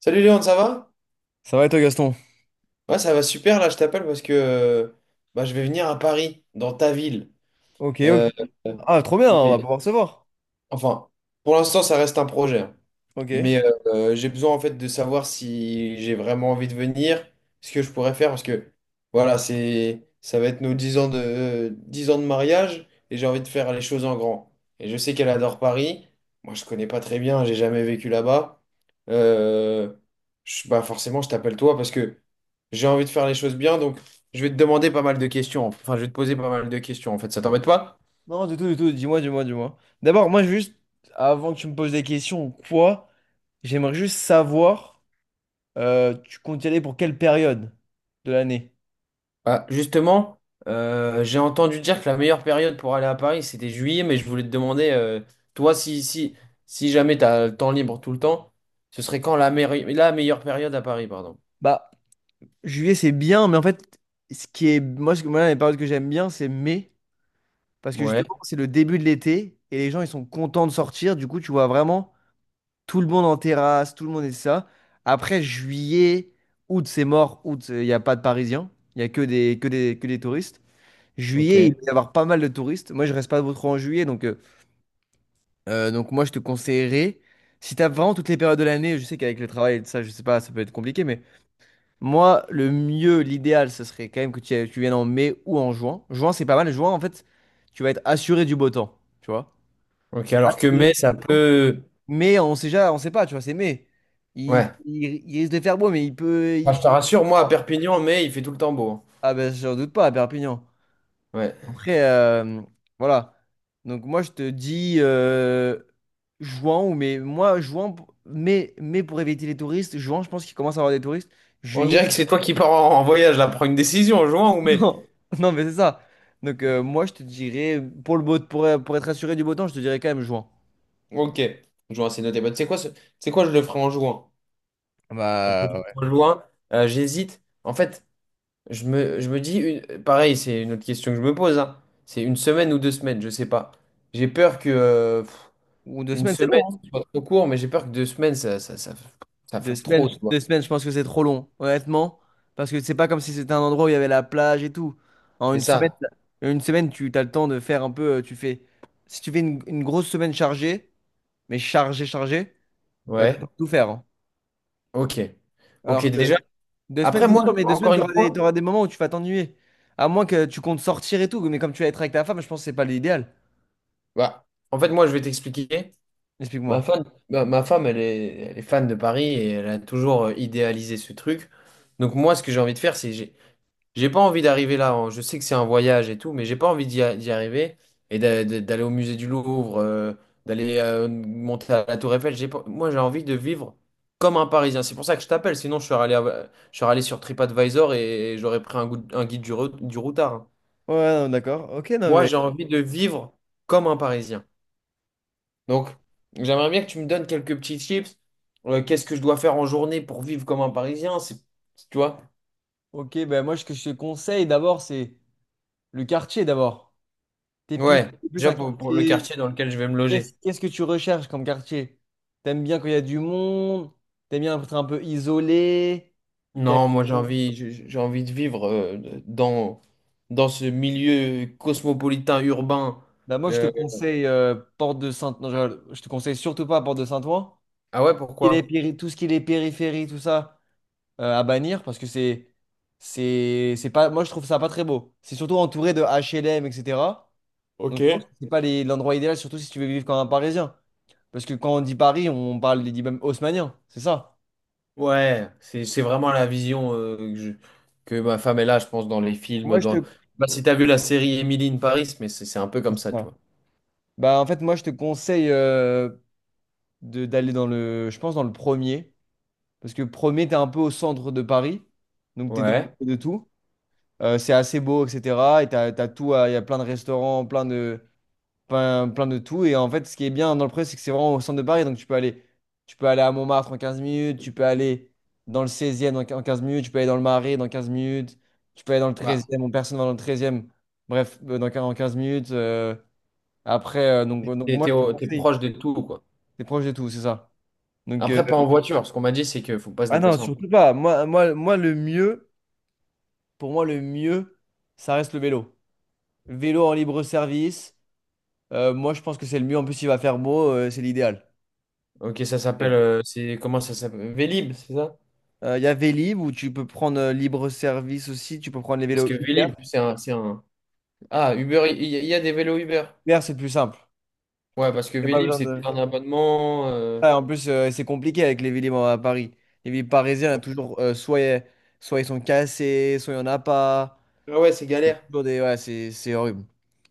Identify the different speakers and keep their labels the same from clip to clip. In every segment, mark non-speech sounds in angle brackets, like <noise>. Speaker 1: Salut Léon, ça va?
Speaker 2: Ça va et toi, Gaston?
Speaker 1: Ouais, ça va super là, je t'appelle parce que je vais venir à Paris, dans ta ville.
Speaker 2: Ok, ok.
Speaker 1: Euh,
Speaker 2: Ah, trop bien, on va pouvoir se voir.
Speaker 1: enfin, pour l'instant, ça reste un projet, hein.
Speaker 2: Ok.
Speaker 1: Mais j'ai besoin en fait de savoir si j'ai vraiment envie de venir, ce que je pourrais faire, parce que voilà, c'est ça va être nos 10 ans de, 10 ans de mariage et j'ai envie de faire les choses en grand. Et je sais qu'elle adore Paris. Moi, je connais pas très bien, j'ai jamais vécu là-bas. Euh, forcément, je t'appelle toi parce que j'ai envie de faire les choses bien, donc je vais te demander pas mal de questions. Enfin, je vais te poser pas mal de questions en fait. Ça t'embête pas?
Speaker 2: Non, du tout, du tout. Dis-moi, dis-moi, dis-moi. D'abord, moi, juste, avant que tu me poses des questions ou quoi, j'aimerais juste savoir, tu comptes y aller pour quelle période de l'année?
Speaker 1: Bah, justement, j'ai entendu dire que la meilleure période pour aller à Paris, c'était juillet, mais je voulais te demander, euh, toi, si jamais tu as le temps libre tout le temps, ce serait quand la meilleure période à Paris, pardon.
Speaker 2: Bah, juillet, c'est bien, mais en fait, ce qui est. Moi, moi, les périodes que j'aime bien, c'est mai. Parce que
Speaker 1: Ouais,
Speaker 2: justement, c'est le début de l'été et les gens, ils sont contents de sortir. Du coup, tu vois vraiment. Tout le monde en terrasse, tout le monde est ça. Après, juillet, août, c'est mort. Août, il n'y a pas de Parisiens. Il n'y a que des, que des touristes. Juillet, il
Speaker 1: ok.
Speaker 2: va y avoir pas mal de touristes. Moi, je reste pas trop en juillet. Donc moi, je te conseillerais, si tu as vraiment toutes les périodes de l'année, je sais qu'avec le travail et tout ça, je sais pas, ça peut être compliqué. Mais moi, le mieux, l'idéal, ce serait quand même que tu viennes en mai ou en juin. Juin, c'est pas mal. Juin, en fait, tu vas être assuré du beau temps. Tu vois?
Speaker 1: Ok, alors que
Speaker 2: Assuré du
Speaker 1: mai, ça
Speaker 2: beau temps.
Speaker 1: peut…
Speaker 2: Mais on sait déjà, on sait pas, tu vois, c'est mai.
Speaker 1: Ouais.
Speaker 2: Il risque de faire beau, mais il peut.
Speaker 1: Enfin, je te rassure, moi, à
Speaker 2: Oh.
Speaker 1: Perpignan, mai, il fait tout le temps beau, hein.
Speaker 2: Ah ben, j'en doute pas à Perpignan.
Speaker 1: Ouais.
Speaker 2: Après, voilà. Donc moi, je te dis juin ou mai. Moi, mai, mai pour éviter les touristes. Juin, je pense qu'il commence à avoir des touristes.
Speaker 1: On
Speaker 2: Juillet,
Speaker 1: dirait que c'est toi qui pars en, en voyage, là. Prends une décision, en juin ou
Speaker 2: <laughs>
Speaker 1: mai?
Speaker 2: non, non, mais c'est ça. Donc moi, je te dirais pour le beau, pour être assuré du beau temps, je te dirais quand même juin.
Speaker 1: Ok. Juin, c'est noté. Bah, tu sais quoi, je le ferai en juin. Je
Speaker 2: Bah
Speaker 1: le
Speaker 2: ouais.
Speaker 1: ferai en juin. J'hésite. En fait… Je me dis, pareil, c'est une autre question que je me pose, hein. C'est une semaine ou deux semaines, je sais pas. J'ai peur que
Speaker 2: Ou deux
Speaker 1: une
Speaker 2: semaines, c'est long.
Speaker 1: semaine
Speaker 2: Hein.
Speaker 1: ce soit trop court, mais j'ai peur que deux semaines, ça fasse trop, tu vois.
Speaker 2: Deux semaines, je pense que c'est trop long, honnêtement. Parce que c'est pas comme si c'était un endroit où il y avait la plage et tout. En
Speaker 1: C'est ça.
Speaker 2: une semaine, tu as le temps de faire un peu. Tu fais, si tu fais une grosse semaine chargée, mais chargée, t'as le
Speaker 1: Ouais.
Speaker 2: temps de tout faire. Hein.
Speaker 1: Ok. Ok,
Speaker 2: Alors que
Speaker 1: déjà.
Speaker 2: deux semaines,
Speaker 1: Après,
Speaker 2: c'est
Speaker 1: moi,
Speaker 2: sûr, mais deux semaines,
Speaker 1: encore une fois,
Speaker 2: t'auras des moments où tu vas t'ennuyer. À moins que tu comptes sortir et tout. Mais comme tu vas être avec ta femme, je pense que c'est pas l'idéal.
Speaker 1: bah, en fait, moi, je vais t'expliquer. Ma
Speaker 2: Explique-moi.
Speaker 1: femme, ma femme, elle est fan de Paris et elle a toujours idéalisé ce truc. Donc, moi, ce que j'ai envie de faire, c'est j'ai pas envie d'arriver là, hein. Je sais que c'est un voyage et tout, mais j'ai pas envie d'y arriver et d'aller au musée du Louvre, d'aller monter à la Tour Eiffel. J'ai pas- Moi, j'ai envie de vivre comme un Parisien. C'est pour ça que je t'appelle. Sinon, je serais allé sur TripAdvisor et j'aurais pris un guide du routard, hein.
Speaker 2: Ouais, non, d'accord. Ok, non,
Speaker 1: Moi,
Speaker 2: mais.
Speaker 1: j'ai envie de vivre comme un Parisien. Donc, j'aimerais bien que tu me donnes quelques petits tips. Qu'est-ce que je dois faire en journée pour vivre comme un Parisien? C'est, tu vois?
Speaker 2: Ok, ben moi, ce que je te conseille d'abord, c'est le quartier d'abord.
Speaker 1: Ouais,
Speaker 2: T'es plus
Speaker 1: déjà
Speaker 2: un
Speaker 1: pour le
Speaker 2: quartier.
Speaker 1: quartier dans lequel je vais me loger.
Speaker 2: Qu'est-ce que tu recherches comme quartier? T'aimes bien quand il y a du monde? T'aimes bien être un peu isolé? T'aimes
Speaker 1: Non, moi j'ai
Speaker 2: bien-
Speaker 1: envie, j'ai j'ai envie de vivre dans, dans ce milieu cosmopolitain urbain.
Speaker 2: Bah moi, je te
Speaker 1: Euh,
Speaker 2: conseille Porte de Saint... non, je rigole. Je te conseille surtout pas Porte de Saint-Ouen.
Speaker 1: Ah ouais, pourquoi?
Speaker 2: Tout ce qui est périphérie, tout ça, à bannir parce que c'est... c'est pas... Moi, je trouve ça pas très beau. C'est surtout entouré de HLM, etc. Donc,
Speaker 1: Ok.
Speaker 2: je pense que c'est pas l'endroit idéal, surtout si tu veux vivre comme un Parisien. Parce que quand on dit Paris, on parle des dix même haussmanniens, c'est ça?
Speaker 1: Ouais, c'est vraiment la vision que ma femme est là, je pense, dans les films.
Speaker 2: Moi, je te...
Speaker 1: Dans… Bah,
Speaker 2: Ouais,
Speaker 1: si t'as vu la série Emily in Paris, mais c'est un peu comme
Speaker 2: c'est
Speaker 1: ça, tu
Speaker 2: ça.
Speaker 1: vois.
Speaker 2: Bah, en fait, moi, je te conseille d'aller dans le, je pense, dans le premier. Parce que premier, t'es un peu au centre de Paris. Donc, t'es dans le
Speaker 1: Ouais.
Speaker 2: milieu de tout. C'est assez beau, etc. Et t'as tout, il y a plein de restaurants, plein de tout. Et en fait, ce qui est bien dans le premier, c'est que c'est vraiment au centre de Paris. Donc, tu peux aller à Montmartre en 15 minutes. Tu peux aller dans le seizième en en 15 minutes. Tu peux aller dans le Marais dans 15 minutes. Tu peux aller dans le
Speaker 1: Bah,
Speaker 2: treizième e Bon, personne va dans le treizième Bref, en 15 minutes. Moi, je te
Speaker 1: t'es
Speaker 2: conseille.
Speaker 1: proche de tout, quoi.
Speaker 2: T'es proche de tout, c'est ça. Donc,
Speaker 1: Après, pas en voiture. Ce qu'on m'a dit, c'est qu'il faut pas se
Speaker 2: ah non,
Speaker 1: déplacer en voiture.
Speaker 2: surtout pas. Moi, le mieux, pour moi, le mieux, ça reste le vélo. Vélo en libre service. Moi, je pense que c'est le mieux. En plus, il va faire beau, c'est l'idéal.
Speaker 1: Comment ça s'appelle? Vélib, c'est ça?
Speaker 2: Il y a Vélib où tu peux prendre libre service aussi. Tu peux prendre les
Speaker 1: Parce
Speaker 2: vélos
Speaker 1: que
Speaker 2: Uber.
Speaker 1: Vélib, c'est un, Ah, Uber, il y a des vélos Uber.
Speaker 2: Uber, c'est plus simple.
Speaker 1: Ouais, parce que
Speaker 2: Y a pas
Speaker 1: Vélib,
Speaker 2: besoin
Speaker 1: c'est tout
Speaker 2: de.
Speaker 1: un abonnement.
Speaker 2: Ah, en plus, c'est compliqué avec les Vélib à Paris. Les Vélib parisiens,
Speaker 1: Ouais.
Speaker 2: toujours, soit ils sont cassés, soit il n'y en a pas.
Speaker 1: Ah ouais, c'est galère.
Speaker 2: Ouais, c'est horrible.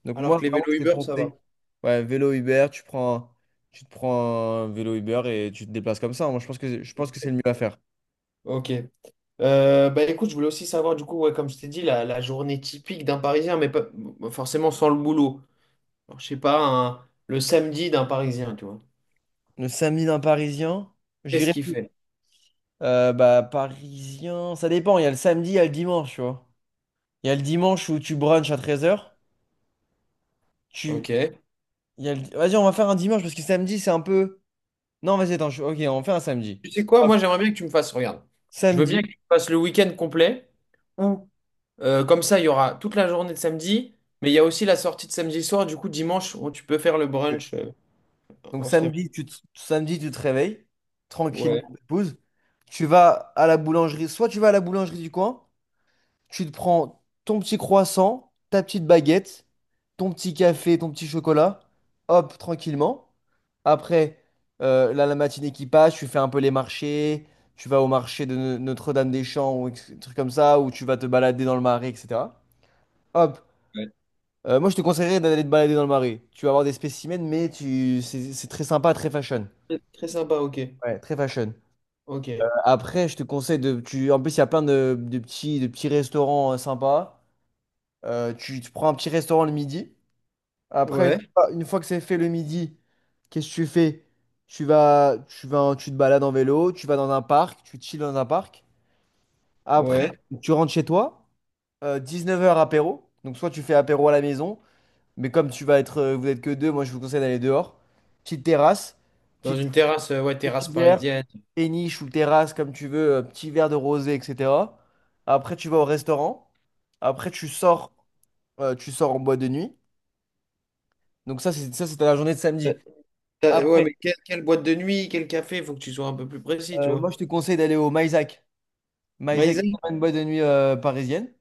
Speaker 2: Donc
Speaker 1: Alors
Speaker 2: moi,
Speaker 1: que les
Speaker 2: vraiment,
Speaker 1: vélos
Speaker 2: je te
Speaker 1: Uber, ça
Speaker 2: conseille.
Speaker 1: va.
Speaker 2: Ouais, vélo Uber, tu prends, tu te prends un vélo Uber et tu te déplaces comme ça. Moi, je pense que c'est le
Speaker 1: Ok.
Speaker 2: mieux à faire.
Speaker 1: Ok. Bah écoute, je voulais aussi savoir, du coup, ouais, comme je t'ai dit, la journée typique d'un Parisien, mais pas forcément sans le boulot. Alors, je sais pas, le samedi d'un Parisien, tu vois.
Speaker 2: Le samedi d'un Parisien,
Speaker 1: Qu'est-ce
Speaker 2: j'irai
Speaker 1: qu'il
Speaker 2: plus.
Speaker 1: fait?
Speaker 2: Bah, Parisien, ça dépend. Il y a le samedi, il y a le dimanche, tu vois. Il y a le dimanche où tu brunches à 13h Tu...
Speaker 1: Ok.
Speaker 2: il y a le- Vas-y, on va faire un dimanche parce que samedi, c'est un peu... Non, vas-y, attends. Ok, on fait un samedi.
Speaker 1: Tu sais quoi,
Speaker 2: Hop.
Speaker 1: moi, j'aimerais bien que tu me fasses, regarde. Je veux bien
Speaker 2: Samedi.
Speaker 1: que tu me fasses le week-end complet. Ou. Comme ça, il y aura toute la journée de samedi, mais il y a aussi la sortie de samedi soir. Du coup, dimanche, tu peux faire le brunch.
Speaker 2: Donc
Speaker 1: On se réveille.
Speaker 2: samedi, tu te réveilles tranquillement,
Speaker 1: Ouais,
Speaker 2: épouse. Tu vas à la boulangerie. Soit tu vas à la boulangerie du coin, tu te prends ton petit croissant, ta petite baguette, ton petit café, ton petit chocolat. Hop, tranquillement. Après, là, la matinée qui passe, tu fais un peu les marchés. Tu vas au marché de Notre-Dame-des-Champs ou trucs comme ça, où tu vas te balader dans le marais, etc. Hop.
Speaker 1: ouais.
Speaker 2: Moi, je te conseillerais d'aller te balader dans le marais. Tu vas avoir des spécimens, mais tu... c'est très sympa, très fashion.
Speaker 1: Très, très sympa, ok.
Speaker 2: Ouais, très fashion.
Speaker 1: Ok.
Speaker 2: Après, je te conseille de. Tu, en plus, il y a plein de, de petits restaurants sympas. Tu prends un petit restaurant le midi. Après,
Speaker 1: Ouais,
Speaker 2: une fois que c'est fait le midi, qu'est-ce que tu fais? Tu te balades en vélo, tu vas dans un parc, tu chilles dans un parc. Après,
Speaker 1: ouais.
Speaker 2: tu rentres chez toi. 19 heures apéro. Donc, soit tu fais apéro à la maison, mais comme tu vas être, vous êtes que deux, moi je vous conseille d'aller dehors. Petite terrasse.
Speaker 1: Dans
Speaker 2: Petite
Speaker 1: une terrasse, ouais,
Speaker 2: Petit
Speaker 1: terrasse
Speaker 2: verre,
Speaker 1: parisienne.
Speaker 2: péniche ou terrasse, comme tu veux, petit verre de rosé, etc. Après, tu vas au restaurant. Après, tu sors en boîte de nuit. Donc ça, c'est ça, c'était la journée de
Speaker 1: Euh,
Speaker 2: samedi.
Speaker 1: ouais,
Speaker 2: Après,
Speaker 1: mais quelle boîte de nuit, quel café, faut que tu sois un peu plus précis, tu
Speaker 2: moi,
Speaker 1: vois.
Speaker 2: je te conseille d'aller au Maisac. Maisac,
Speaker 1: Maïzen?
Speaker 2: c'est une boîte de nuit parisienne.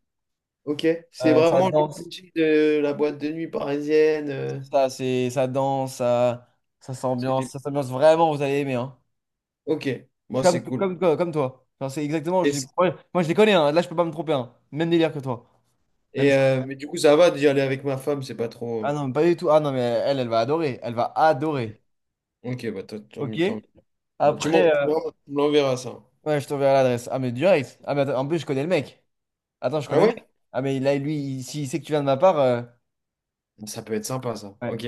Speaker 1: Ok. C'est
Speaker 2: Euh, ça
Speaker 1: vraiment le
Speaker 2: danse,
Speaker 1: budget de la boîte de nuit parisienne.
Speaker 2: ça danse,
Speaker 1: C'est des-
Speaker 2: ça s'ambiance vraiment, vous allez aimer. Hein.
Speaker 1: Ok. Moi, c'est cool.
Speaker 2: Comme toi. Enfin, c'est exactement,
Speaker 1: Et, c-
Speaker 2: moi, je les connais, hein. Là, je peux pas me tromper. Hein. Même délire que toi. Même
Speaker 1: et, mais du coup, ça va d'y aller avec ma femme, c'est pas
Speaker 2: Ah
Speaker 1: trop.
Speaker 2: non, pas du tout. Ah non, mais elle va adorer. Elle va adorer.
Speaker 1: Ok, bah, tant
Speaker 2: Ok?
Speaker 1: mieux. Tant Bah,
Speaker 2: Après,
Speaker 1: tu m'en- ça.
Speaker 2: ouais, je t'enverrai l'adresse. Ah, mais direct. Ah, mais attends, en plus, je connais le mec. Attends, je
Speaker 1: Ah
Speaker 2: connais le
Speaker 1: ouais?
Speaker 2: mec. Ah, lui, s'il sait que tu viens de ma part.
Speaker 1: Ça peut être sympa, ça.
Speaker 2: Ouais.
Speaker 1: Ok.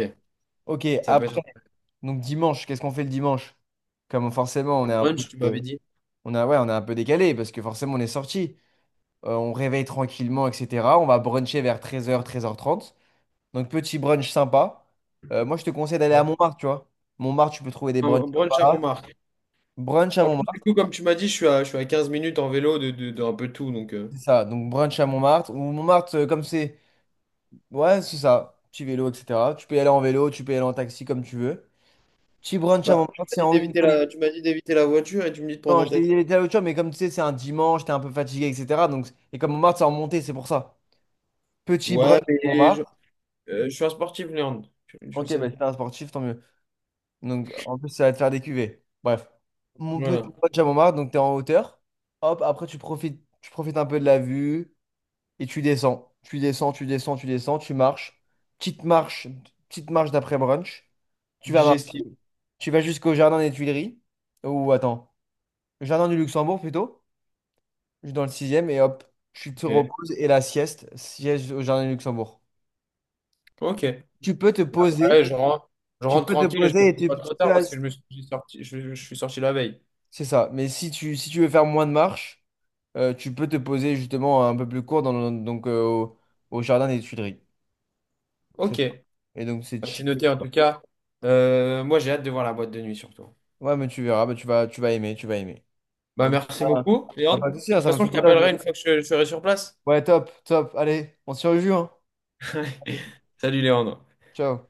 Speaker 2: Ok,
Speaker 1: Ça peut
Speaker 2: après,
Speaker 1: être
Speaker 2: donc dimanche, qu'est-ce qu'on fait le dimanche? Comme forcément, on
Speaker 1: un
Speaker 2: est un peu,
Speaker 1: brunch, tu m'avais dit.
Speaker 2: on a, ouais, on est un peu décalé parce que forcément, on est sorti. On réveille tranquillement, etc. On va bruncher vers 13h, 13h30. Donc, petit brunch sympa. Moi, je te conseille d'aller à
Speaker 1: Ouais.
Speaker 2: Montmartre, tu vois. Montmartre, tu peux trouver des
Speaker 1: Un
Speaker 2: brunchs
Speaker 1: brunch à
Speaker 2: sympas.
Speaker 1: Montmartre.
Speaker 2: Brunch à
Speaker 1: Du
Speaker 2: Montmartre.
Speaker 1: coup, comme tu m'as dit, je suis à 15 minutes en vélo de un peu tout. Donc,
Speaker 2: C'est ça, donc brunch à Montmartre. Ou Montmartre, comme c'est. Ouais, c'est ça. Petit vélo, etc. Tu peux y aller en vélo, tu peux y aller en taxi comme tu veux. Petit brunch à
Speaker 1: Bah, tu
Speaker 2: Montmartre,
Speaker 1: m'as
Speaker 2: c'est
Speaker 1: dit
Speaker 2: en haut d'une
Speaker 1: d'éviter
Speaker 2: colline.
Speaker 1: la, tu m'as dit d'éviter la voiture et tu me dis de prendre
Speaker 2: Non,
Speaker 1: un
Speaker 2: je t'ai dit
Speaker 1: taxi.
Speaker 2: les l'autre jour, mais comme tu sais, c'est un dimanche, t'es un peu fatigué, etc. Donc... Et comme Montmartre, c'est en montée, c'est pour ça. Petit brunch
Speaker 1: Ouais,
Speaker 2: à
Speaker 1: mais je,
Speaker 2: Montmartre.
Speaker 1: euh, je suis un sportif, Léandre. Je le
Speaker 2: Ok,
Speaker 1: sais.
Speaker 2: bah, si t'es un sportif, tant mieux. Donc en plus, ça va te faire des cuvées. Bref. Mon
Speaker 1: Voilà.
Speaker 2: petit brunch à Montmartre, donc t'es en hauteur. Hop, après, tu profites un peu de la vue. Et tu descends, tu marches. Petite marche, petite marche d'après brunch. Tu vas marcher.
Speaker 1: Digestif.
Speaker 2: Tu vas jusqu'au jardin des Tuileries. Ou attends, le jardin du Luxembourg plutôt. Je suis dans le sixième et hop, tu te
Speaker 1: Ok.
Speaker 2: reposes et la sieste, sieste au jardin du Luxembourg.
Speaker 1: Ok. Ouais,
Speaker 2: Tu peux te poser,
Speaker 1: je rentre, je rentre tranquille et je ne me coupe pas trop
Speaker 2: tu
Speaker 1: tard parce que
Speaker 2: restes.
Speaker 1: je suis sorti la veille.
Speaker 2: C'est ça. Mais si tu veux faire moins de marche, tu peux te poser justement un peu plus court dans au jardin des Tuileries. C'est
Speaker 1: Ok.
Speaker 2: ça. Et donc c'est
Speaker 1: Bah, c'est
Speaker 2: chill.
Speaker 1: noté en tout cas. Moi, j'ai hâte de voir la boîte de nuit surtout.
Speaker 2: Ouais, mais tu verras, bah, tu vas aimer, tu vas aimer.
Speaker 1: Bah,
Speaker 2: En tout
Speaker 1: merci
Speaker 2: cas,
Speaker 1: beaucoup,
Speaker 2: bah,
Speaker 1: Léandre.
Speaker 2: pas de souci, hein,
Speaker 1: Et de
Speaker 2: ça
Speaker 1: toute
Speaker 2: m'a
Speaker 1: façon,
Speaker 2: fait
Speaker 1: je
Speaker 2: plaisir. De-
Speaker 1: t'appellerai une fois que je serai sur place.
Speaker 2: Ouais, top, top. Allez, on se rejoue, hein.
Speaker 1: <laughs> Salut, Léandre.
Speaker 2: Ciao.